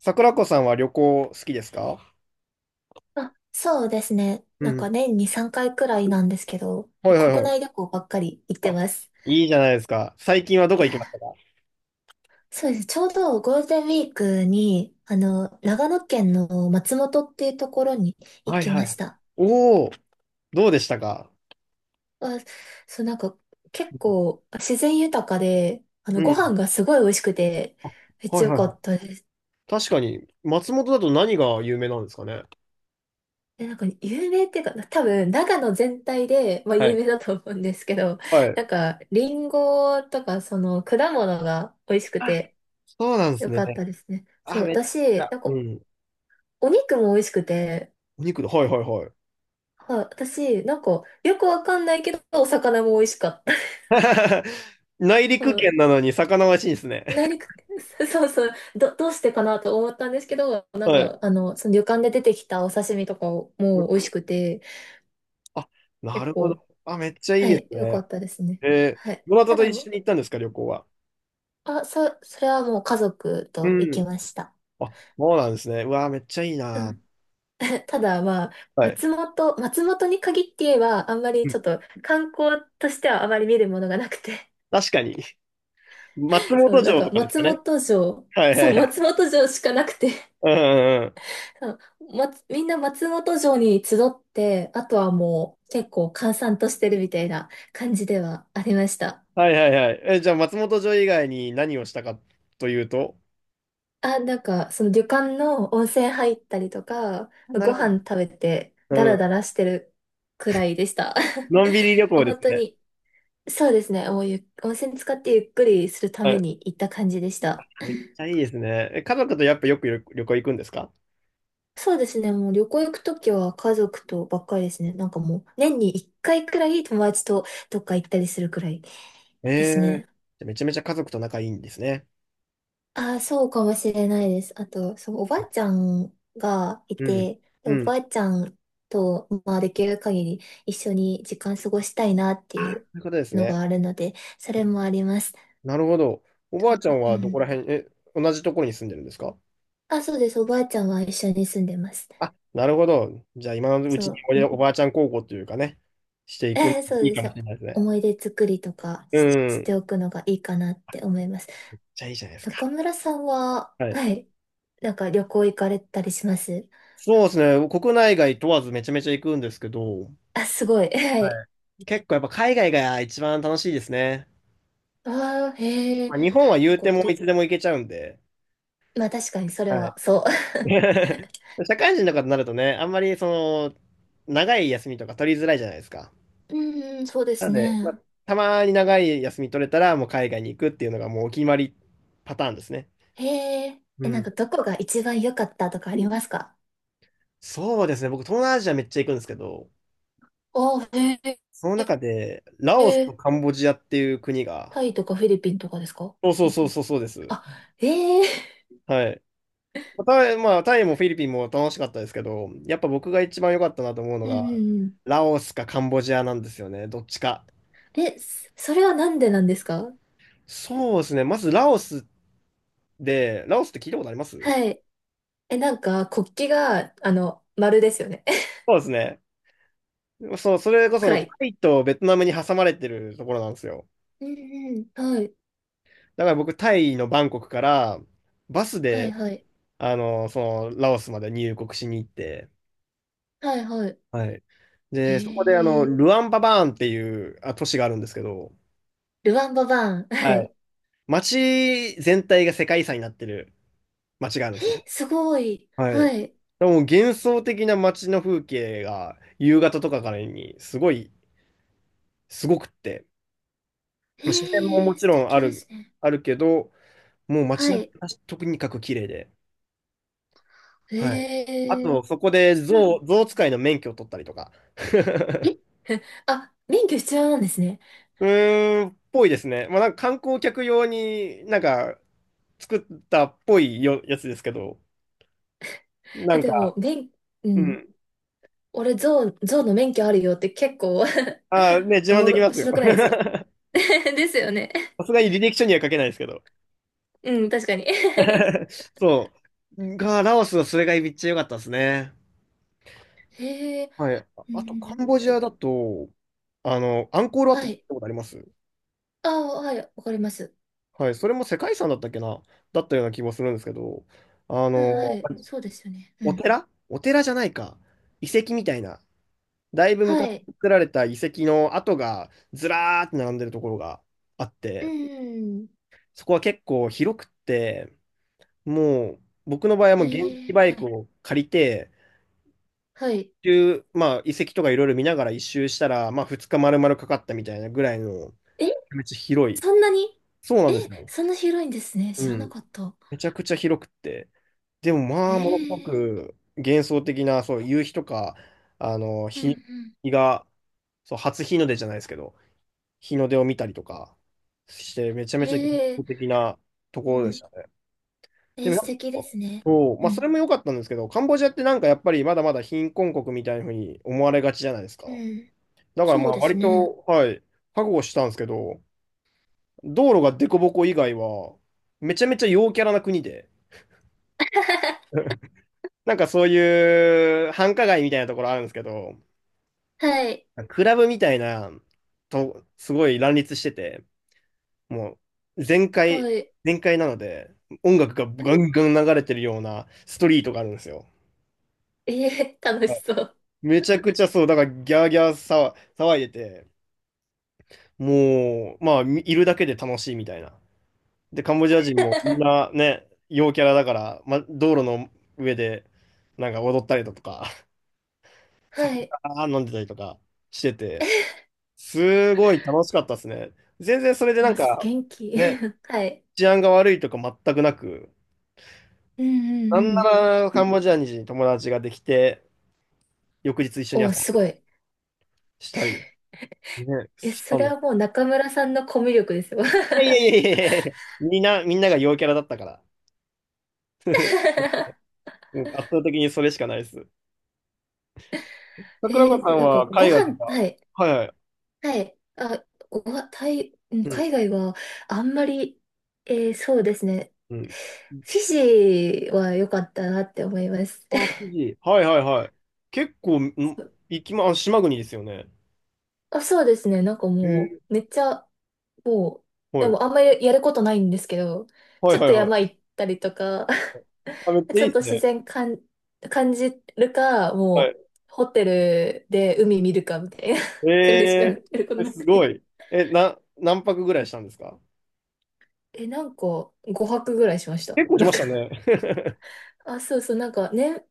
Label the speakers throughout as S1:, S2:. S1: 桜子さんは旅行好きですか？
S2: あ、そうですね。
S1: う
S2: なん
S1: ん。
S2: か年に3回くらいなんですけど、
S1: はいはい
S2: 国
S1: は
S2: 内
S1: い。
S2: 旅行ばっかり行ってます。
S1: いいじゃないですか。最近はどこ行きましたか？
S2: そうです。ちょうどゴールデンウィークに、長野県の松本っていうところに行
S1: はい
S2: き
S1: は
S2: まし
S1: い。
S2: た。
S1: おおー、どうでしたか？
S2: あ、そう、なんか結構自然豊かで、
S1: う
S2: ご
S1: ん。
S2: 飯がすごい美味しくて、
S1: あ、
S2: めっち
S1: は
S2: ゃ
S1: い
S2: 良
S1: はい
S2: か
S1: はい。
S2: ったです。
S1: 確かに、松本だと何が有名なんですかね？
S2: で、なんか有名っていうか、多分長野全体で、まあ
S1: は
S2: 有
S1: い。
S2: 名だと思うんですけど、
S1: は
S2: な
S1: い。
S2: んか、リンゴとか、果物が美味しく
S1: あ、
S2: て、
S1: そうなんです
S2: よ
S1: ね。
S2: かったですね。そ
S1: あ、
S2: う、
S1: めっち
S2: 私、
S1: ゃ。
S2: なん
S1: う
S2: か、
S1: ん。
S2: お肉も美味しくて、
S1: お肉だ。はいはいはい。
S2: はい、私、なんか、よくわかんないけど、お魚も美味しかった。
S1: 内 陸
S2: は
S1: 圏なのに魚美味しいんですね。
S2: い、内陸、そうそう、どうしてかなと思ったんですけど、な ん
S1: は
S2: か、
S1: い。
S2: その旅館で出てきたお刺身とかも
S1: う
S2: 美味
S1: ん。
S2: しくて、
S1: あ、な
S2: 結
S1: るほ
S2: 構、
S1: ど。あ、めっちゃい
S2: は
S1: いで
S2: い、
S1: す
S2: よか
S1: ね。
S2: ったですね。
S1: えー、
S2: はい。
S1: どなた
S2: た
S1: と
S2: だ、
S1: 一緒に行ったんですか、旅行は。
S2: あ、それはもう家族
S1: う
S2: と行き
S1: ん。
S2: ました。
S1: あ、そうなんですね。うわー、めっちゃいい
S2: う
S1: な。
S2: ん。 ただまあ、
S1: はい。
S2: 松本に限って言えば、あんまり
S1: う
S2: ち
S1: ん。
S2: ょっと観光としてはあまり見るものがなくて、
S1: 確かに。松
S2: そう、
S1: 本
S2: なん
S1: 城
S2: か
S1: とかですか
S2: 松
S1: ね。
S2: 本城、
S1: はいは
S2: そう、
S1: いはい。
S2: 松本城しかなくて、
S1: うんうんうん。
S2: そう、みんな松本城に集って、あとはもう結構閑散としてるみたいな感じではありました。
S1: はいはいはい。え、じゃあ松本城以外に何をしたかというと、
S2: あ、なんかその旅館の温泉入ったりとか、
S1: な
S2: ご
S1: るほど。
S2: 飯食べて
S1: う
S2: ダラ
S1: ん。
S2: ダラしてるくらいでした。
S1: のんびり旅
S2: も
S1: 行
S2: う
S1: です
S2: 本当
S1: ね。
S2: にそうですね。もう、温泉使ってゆっくりするた
S1: は
S2: め
S1: い。
S2: に行った感じでした。
S1: めっちゃいいですね。え、家族とやっぱよく旅旅行行くんですか？
S2: そうですね。もう旅行行くときは家族とばっかりですね。なんかもう年に1回くらい友達とどっか行ったりするくらい
S1: え
S2: で
S1: え
S2: す
S1: ー。
S2: ね。
S1: じゃあめちゃめちゃ家族と仲いいんですね。
S2: ああ、そうかもしれないです。あと、そのおばあちゃんがい
S1: うん。
S2: て、で
S1: う
S2: お
S1: ん。
S2: ばあちゃんと、まあ、できる限り一緒に時間過ごしたいなって
S1: あ、
S2: いう
S1: そういうことです
S2: のが
S1: ね。
S2: あるので、それもあります。
S1: なるほど。お
S2: と
S1: ばあちゃん
S2: う
S1: はど
S2: ん。
S1: こら辺、え、同じところに住んでるんですか？
S2: あ、そうです。おばあちゃんは一緒に住んでます。
S1: あ、なるほど。じゃあ今のうちに
S2: そ
S1: おや
S2: う。
S1: おばあちゃん孝行というかね、していくの
S2: そう
S1: いい
S2: で
S1: か
S2: す
S1: も
S2: ね。
S1: しれないですね。
S2: 思い出作りとか、
S1: う
S2: し
S1: ん。
S2: ておくのがいいかなって思います。
S1: じゃあいいじゃないですか。
S2: 中村さんは、
S1: はい。
S2: はい。なんか旅行行かれたりします？
S1: そうですね。国内外問わずめちゃめちゃ行くんですけど、
S2: あ、すごい。は
S1: は
S2: い。
S1: い。結構やっぱ海外が一番楽しいですね。
S2: ああ、へ
S1: ま
S2: え。
S1: あ、日本は
S2: な
S1: 言
S2: ん
S1: う
S2: か、
S1: てもいつでも行けちゃうんで。
S2: まあ確かにそれ
S1: はい。
S2: は、そ
S1: 社会人とかになるとね、あんまり長い休みとか取りづらいじゃないですか。
S2: う。うんうん、そうで
S1: な
S2: す
S1: ので、ま
S2: ね。
S1: あ、たまに長い休み取れたらもう海外に行くっていうのがもうお決まりパターンですね。
S2: へえ。
S1: う
S2: え、なんか
S1: ん。
S2: どこが一番良かったとかありますか？
S1: そうですね。僕、東南アジアめっちゃ行くんですけど、
S2: ああ、へ。
S1: その中で、ラオスとカンボジアっていう国が、
S2: タイとかフィリピンとかですか？
S1: そうそうそうそうそうです。
S2: あ、ええ。
S1: はい。タイ、まあ、タイもフィリピンも楽しかったですけど、やっぱ僕が一番良かったなと思うの
S2: うん
S1: が、
S2: うん
S1: ラオスかカンボジアなんですよね。どっちか。
S2: うん。え、それはなんでなんですか？
S1: そうですね。まずラオスで、ラオスって聞いたことあります？
S2: はい。え、なんか、国旗が、丸ですよね。
S1: そうですね。そう、それこそ
S2: 暗い。
S1: タイとベトナムに挟まれてるところなんですよ。
S2: うんうん。はい。
S1: だから僕、タイのバンコクからバス
S2: はい
S1: で
S2: はい。
S1: あの、そラオスまで入国しに行って、
S2: はいはい。
S1: はい。
S2: へ
S1: で、そこで、
S2: え。
S1: ルアンパバーンっていうあ都市があるんですけど、
S2: ルワンババーン。は
S1: はい。
S2: い。
S1: 街全体が世界遺産になってる街があるん
S2: え、
S1: ですね。
S2: すごい。
S1: は
S2: は
S1: い。
S2: い。
S1: でも幻想的な街の風景が夕方とかからにすごい、すごくって、自然も
S2: へ
S1: も
S2: え、
S1: ち
S2: 素
S1: ろんあ
S2: 敵で
S1: る、
S2: すね。
S1: あるけど、もう
S2: は
S1: 街並
S2: い。
S1: みがとにかく綺麗で、はい。
S2: へ
S1: あと
S2: え、
S1: そこで
S2: そうな
S1: 象、
S2: の。
S1: 象使いの免許を取ったりとか。
S2: え、あ、免許必要なんですね。
S1: うーん、ぽいですね。まあ、なんか観光客用になんか作ったっぽいよ、やつですけど、な
S2: え、
S1: ん
S2: でも、
S1: か、
S2: う
S1: う
S2: ん。
S1: ん。
S2: 俺、ゾウの免許あるよって結構
S1: ああ、ね、自
S2: お
S1: 慢
S2: も
S1: でき
S2: ろ、
S1: ま すよ。
S2: 白くないですか？ ですよね。
S1: さすがに履歴書には書けないですけど。
S2: うん、確かに。
S1: そう。が、ラオスはそれがめっちゃ良かったですね。
S2: へえ、
S1: はい。
S2: う
S1: あと、カ
S2: ん、
S1: ンボジ
S2: え、
S1: アだと、あの、アンコールワッ
S2: は
S1: トって
S2: い。
S1: ことあります？
S2: ああ、はい、わかります。
S1: はい。それも世界遺産だったっけな、だったような気もするんですけど、あ
S2: はい、は
S1: の、
S2: い、そうですよね。う
S1: お
S2: ん。
S1: 寺お寺じゃないか。遺跡みたいな。だいぶ
S2: は
S1: 昔
S2: い。
S1: 作られた遺跡の跡がずらーって並んでるところがあっ
S2: う
S1: て、
S2: ん。
S1: そこは結構広くって、もう僕の場合はもう原
S2: え
S1: 付
S2: え、
S1: バ
S2: は
S1: イク
S2: い。
S1: を借りて、
S2: はい。
S1: 一周まあ、遺跡とかいろいろ見ながら一周したら、まあ、2日丸々かかったみたいなぐらいの、
S2: え、
S1: めっちゃ広い。
S2: そんなに
S1: そうなん
S2: え、
S1: ですよ。
S2: そんな広いんですね。
S1: う
S2: 知らな
S1: ん。
S2: かった。
S1: めちゃくちゃ広くって。でも
S2: え
S1: まあ、ものすご
S2: え、
S1: く幻想的な、そう、夕日とか、あの、
S2: うん、う
S1: 日
S2: ん。
S1: 日が、そう、初日の出じゃないですけど、日の出を見たりとかして、めちゃめ
S2: え
S1: ちゃ幻想
S2: え、
S1: 的なと
S2: う
S1: ころでし
S2: ん。
S1: たね。でも
S2: 素
S1: やっ
S2: 敵で
S1: ぱ、
S2: すね。
S1: そう、
S2: う
S1: まあ、それ
S2: ん。
S1: も良かったんですけど、カンボジアってなんかやっぱりまだまだ貧困国みたいなふうに思われがちじゃないです
S2: う
S1: か。
S2: ん。
S1: だから
S2: そ
S1: ま
S2: う
S1: あ
S2: です
S1: 割
S2: ね。
S1: と、はい、覚悟したんですけど、道路が凸凹以外は、めちゃめちゃ陽キャラな国で、なんかそういう繁華街みたいなところあるんですけど、
S2: はい。
S1: クラブみたいな、と、すごい乱立してて、もう全
S2: は
S1: 開、
S2: い。
S1: 全開なので、音楽がガンガン流れてるようなストリートがあるんですよ。
S2: ええ、楽しそう。
S1: めちゃくちゃそう、だからギャーギャー騒騒いでて、もう、まあ、いるだけで楽しいみたいな。で、カンボジア人もみん なね、陽キャラだから、ま、道路の上でなんか踊ったりだとか、
S2: は い。
S1: あー飲んでたりとかしてて、すごい楽しかったですね。全然それでなんか、
S2: 元気。
S1: ね、
S2: はい。
S1: 治安が悪いとか全くなく、
S2: うんうん
S1: なん
S2: う
S1: な
S2: ん。
S1: らカンボジアに友達ができて、翌日一緒に遊ん
S2: お、
S1: だ
S2: すご
S1: り
S2: い。
S1: したり、ね、
S2: え、
S1: し
S2: そ
S1: た
S2: れ
S1: の。
S2: はもう中村さんのコミュ力ですよ。
S1: いやいやいやいやいや、みんなが陽キャラだったから、うん圧倒的にそれしかないです。桜子さん
S2: なんか
S1: は
S2: ご
S1: 海外と
S2: 飯、
S1: か、
S2: はい、
S1: はいはい、
S2: はい。あ、ご飯、タイ、うん、
S1: うん、
S2: 海外はあんまり、そうですね。
S1: うん。
S2: フィジーは良かったなって思います。
S1: あ、富士。はいはいはい。結構、ん、行きま、あ、島国ですよね。
S2: あ、そうですね。なんか
S1: へ
S2: も
S1: え。
S2: う、めっちゃ、もう、
S1: は
S2: で
S1: い。
S2: もあんまりやることないんですけど、
S1: は
S2: ち
S1: い
S2: ょっ
S1: は
S2: と
S1: いは
S2: 山
S1: い。
S2: 行ったりとか、
S1: あ、めっちゃ
S2: ち
S1: い
S2: ょ
S1: い
S2: っ
S1: で
S2: と
S1: す
S2: 自
S1: ね。
S2: 然感じるか、
S1: は
S2: もう、
S1: い。
S2: ホテルで海見るかみたいな くらいしかや
S1: え
S2: ること
S1: ー、え
S2: な
S1: す
S2: く
S1: ご
S2: て。
S1: い。え、な、何泊ぐらいしたんですか？
S2: え、なんか、5泊ぐらいしました。
S1: 結構し
S2: なん
S1: まし
S2: か、
S1: たね。
S2: あ、そうそう、なんかね、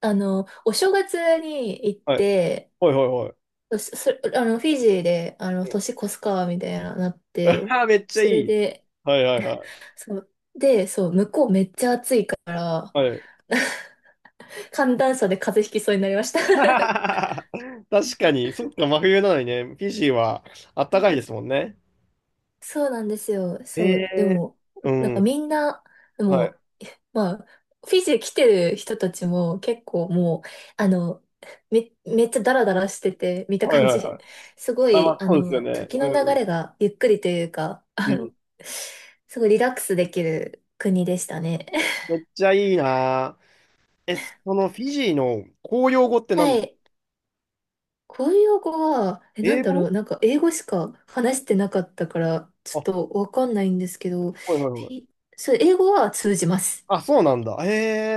S2: お正月に行っ
S1: はい。
S2: て、
S1: はいはいはい。
S2: そ、そあの、フィジーで、年越すか、みたいな、なって、
S1: ああ、めっちゃ
S2: そ
S1: い
S2: れ
S1: い。
S2: で、
S1: はいはいは
S2: そう、で、そう、向こうめっちゃ暑い。
S1: い。はい。
S2: 寒暖差で風邪ひきそうになりました。
S1: 確かに、そっか、真冬なのにね、フィジーはあったかいですもんね。
S2: そうなんですよ。
S1: へ
S2: そう。で
S1: え。
S2: も、
S1: う
S2: なんか
S1: ん。
S2: みんな、で
S1: はい。
S2: も、まあ、フィジー来てる人たちも結構もう、あの、めっちゃダラダラしてて、見た
S1: はい
S2: 感
S1: はいは
S2: じ。
S1: い。
S2: すご
S1: あ、ま
S2: い、
S1: あ、そうですよね。
S2: 時の流
S1: うん。
S2: れがゆっくりというか、
S1: うん。
S2: すごいリラックスできる国でしたね。
S1: めっちゃいいなぁ。え、そのフィジーの公用語って何
S2: は
S1: だ？
S2: い。公用語は、え、な
S1: 英
S2: んだろう、
S1: 語、
S2: なんか英語しか話してなかったから、ち
S1: あ、
S2: ょっ
S1: は
S2: とわかんないんですけど、
S1: いはいはい。
S2: ィそう、英語は通じます。
S1: あ、そうなんだ。へ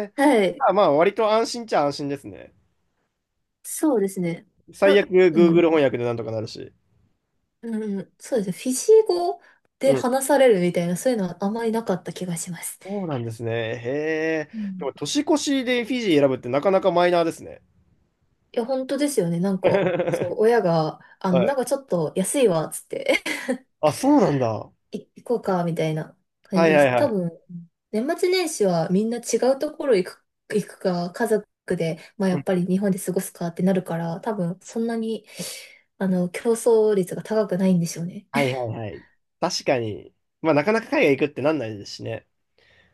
S1: え。
S2: はい。
S1: あ、まあ、割と安心っちゃ安心ですね。
S2: そうですね。
S1: 最
S2: あ、
S1: 悪、
S2: うん、
S1: Google 翻訳でなんとかなるし。
S2: うん、そうですね。フィジー語
S1: う
S2: で
S1: ん。
S2: 話されるみたいな、そういうのはあまりなかった気がします。
S1: そうなんですね。へえ。
S2: う
S1: で
S2: ん。
S1: も、年越しでフィジー選ぶってなかなかマイナーですね。
S2: いや、本当ですよね。なん か、そう、親が、
S1: は
S2: なん
S1: い。
S2: かちょっと安いわ、つって
S1: あ、そうなんだ。
S2: 行こうか、みたいな感
S1: は
S2: じ
S1: い
S2: で
S1: はい
S2: す。
S1: は
S2: 多
S1: い。
S2: 分、年末年始はみんな違うところ行くか、家族で、まあ
S1: う
S2: やっ
S1: ん。
S2: ぱり日本で過ごすかってなるから、多分そんなに、競争率が高くないんでしょうね。
S1: はい はいはい。確かに。まあ、なかなか海外行くってなんないですしね。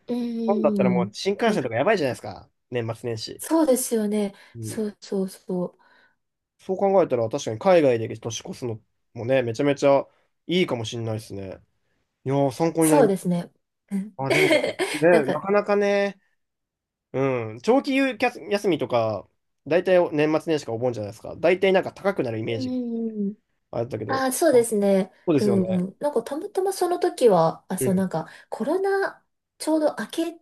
S2: う
S1: 日本だったらも
S2: ー
S1: う
S2: ん。
S1: 新幹 線とかやばいじゃないですか。年末年始。
S2: そうですよね。
S1: うん。
S2: そうそうそう。
S1: そう考えたら、確かに海外で年越すのもね、めちゃめちゃいいかもしれないですね。いやー、参考になり
S2: そう
S1: ま
S2: です
S1: す。
S2: ね。うん。
S1: あ、でも、
S2: なん
S1: ね、な
S2: か、
S1: かなかね、うん。長期休休みとか、大体年末年始かお盆じゃないですか。大体なんか高くなるイ
S2: う
S1: メー
S2: ん
S1: ジが
S2: うんうん。
S1: あったけど。
S2: ああ、そう
S1: あ、
S2: ですね。
S1: そうで
S2: う
S1: すよ
S2: んう
S1: ね。
S2: ん。なんか、たまたまその時は、あ、
S1: う
S2: そう、
S1: ん。
S2: なんか、コロナ、ちょうど明け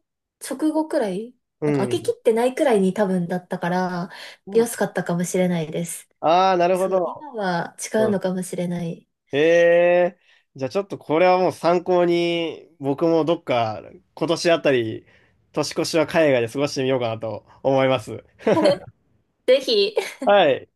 S2: 直後くらい、
S1: う
S2: なんか、明けき
S1: ん。
S2: ってないくらいに多分だったから、
S1: そうだっ
S2: 安
S1: た？
S2: かったかもしれないです。
S1: ああ、なるほ
S2: そう、
S1: ど。
S2: 今は違う
S1: う
S2: の
S1: ん。
S2: かもしれない。
S1: ええー、じゃあちょっとこれはもう参考に、僕もどっか今年あたり、年越しは海外で過ごしてみようかなと思います。
S2: ぜひ。
S1: はい。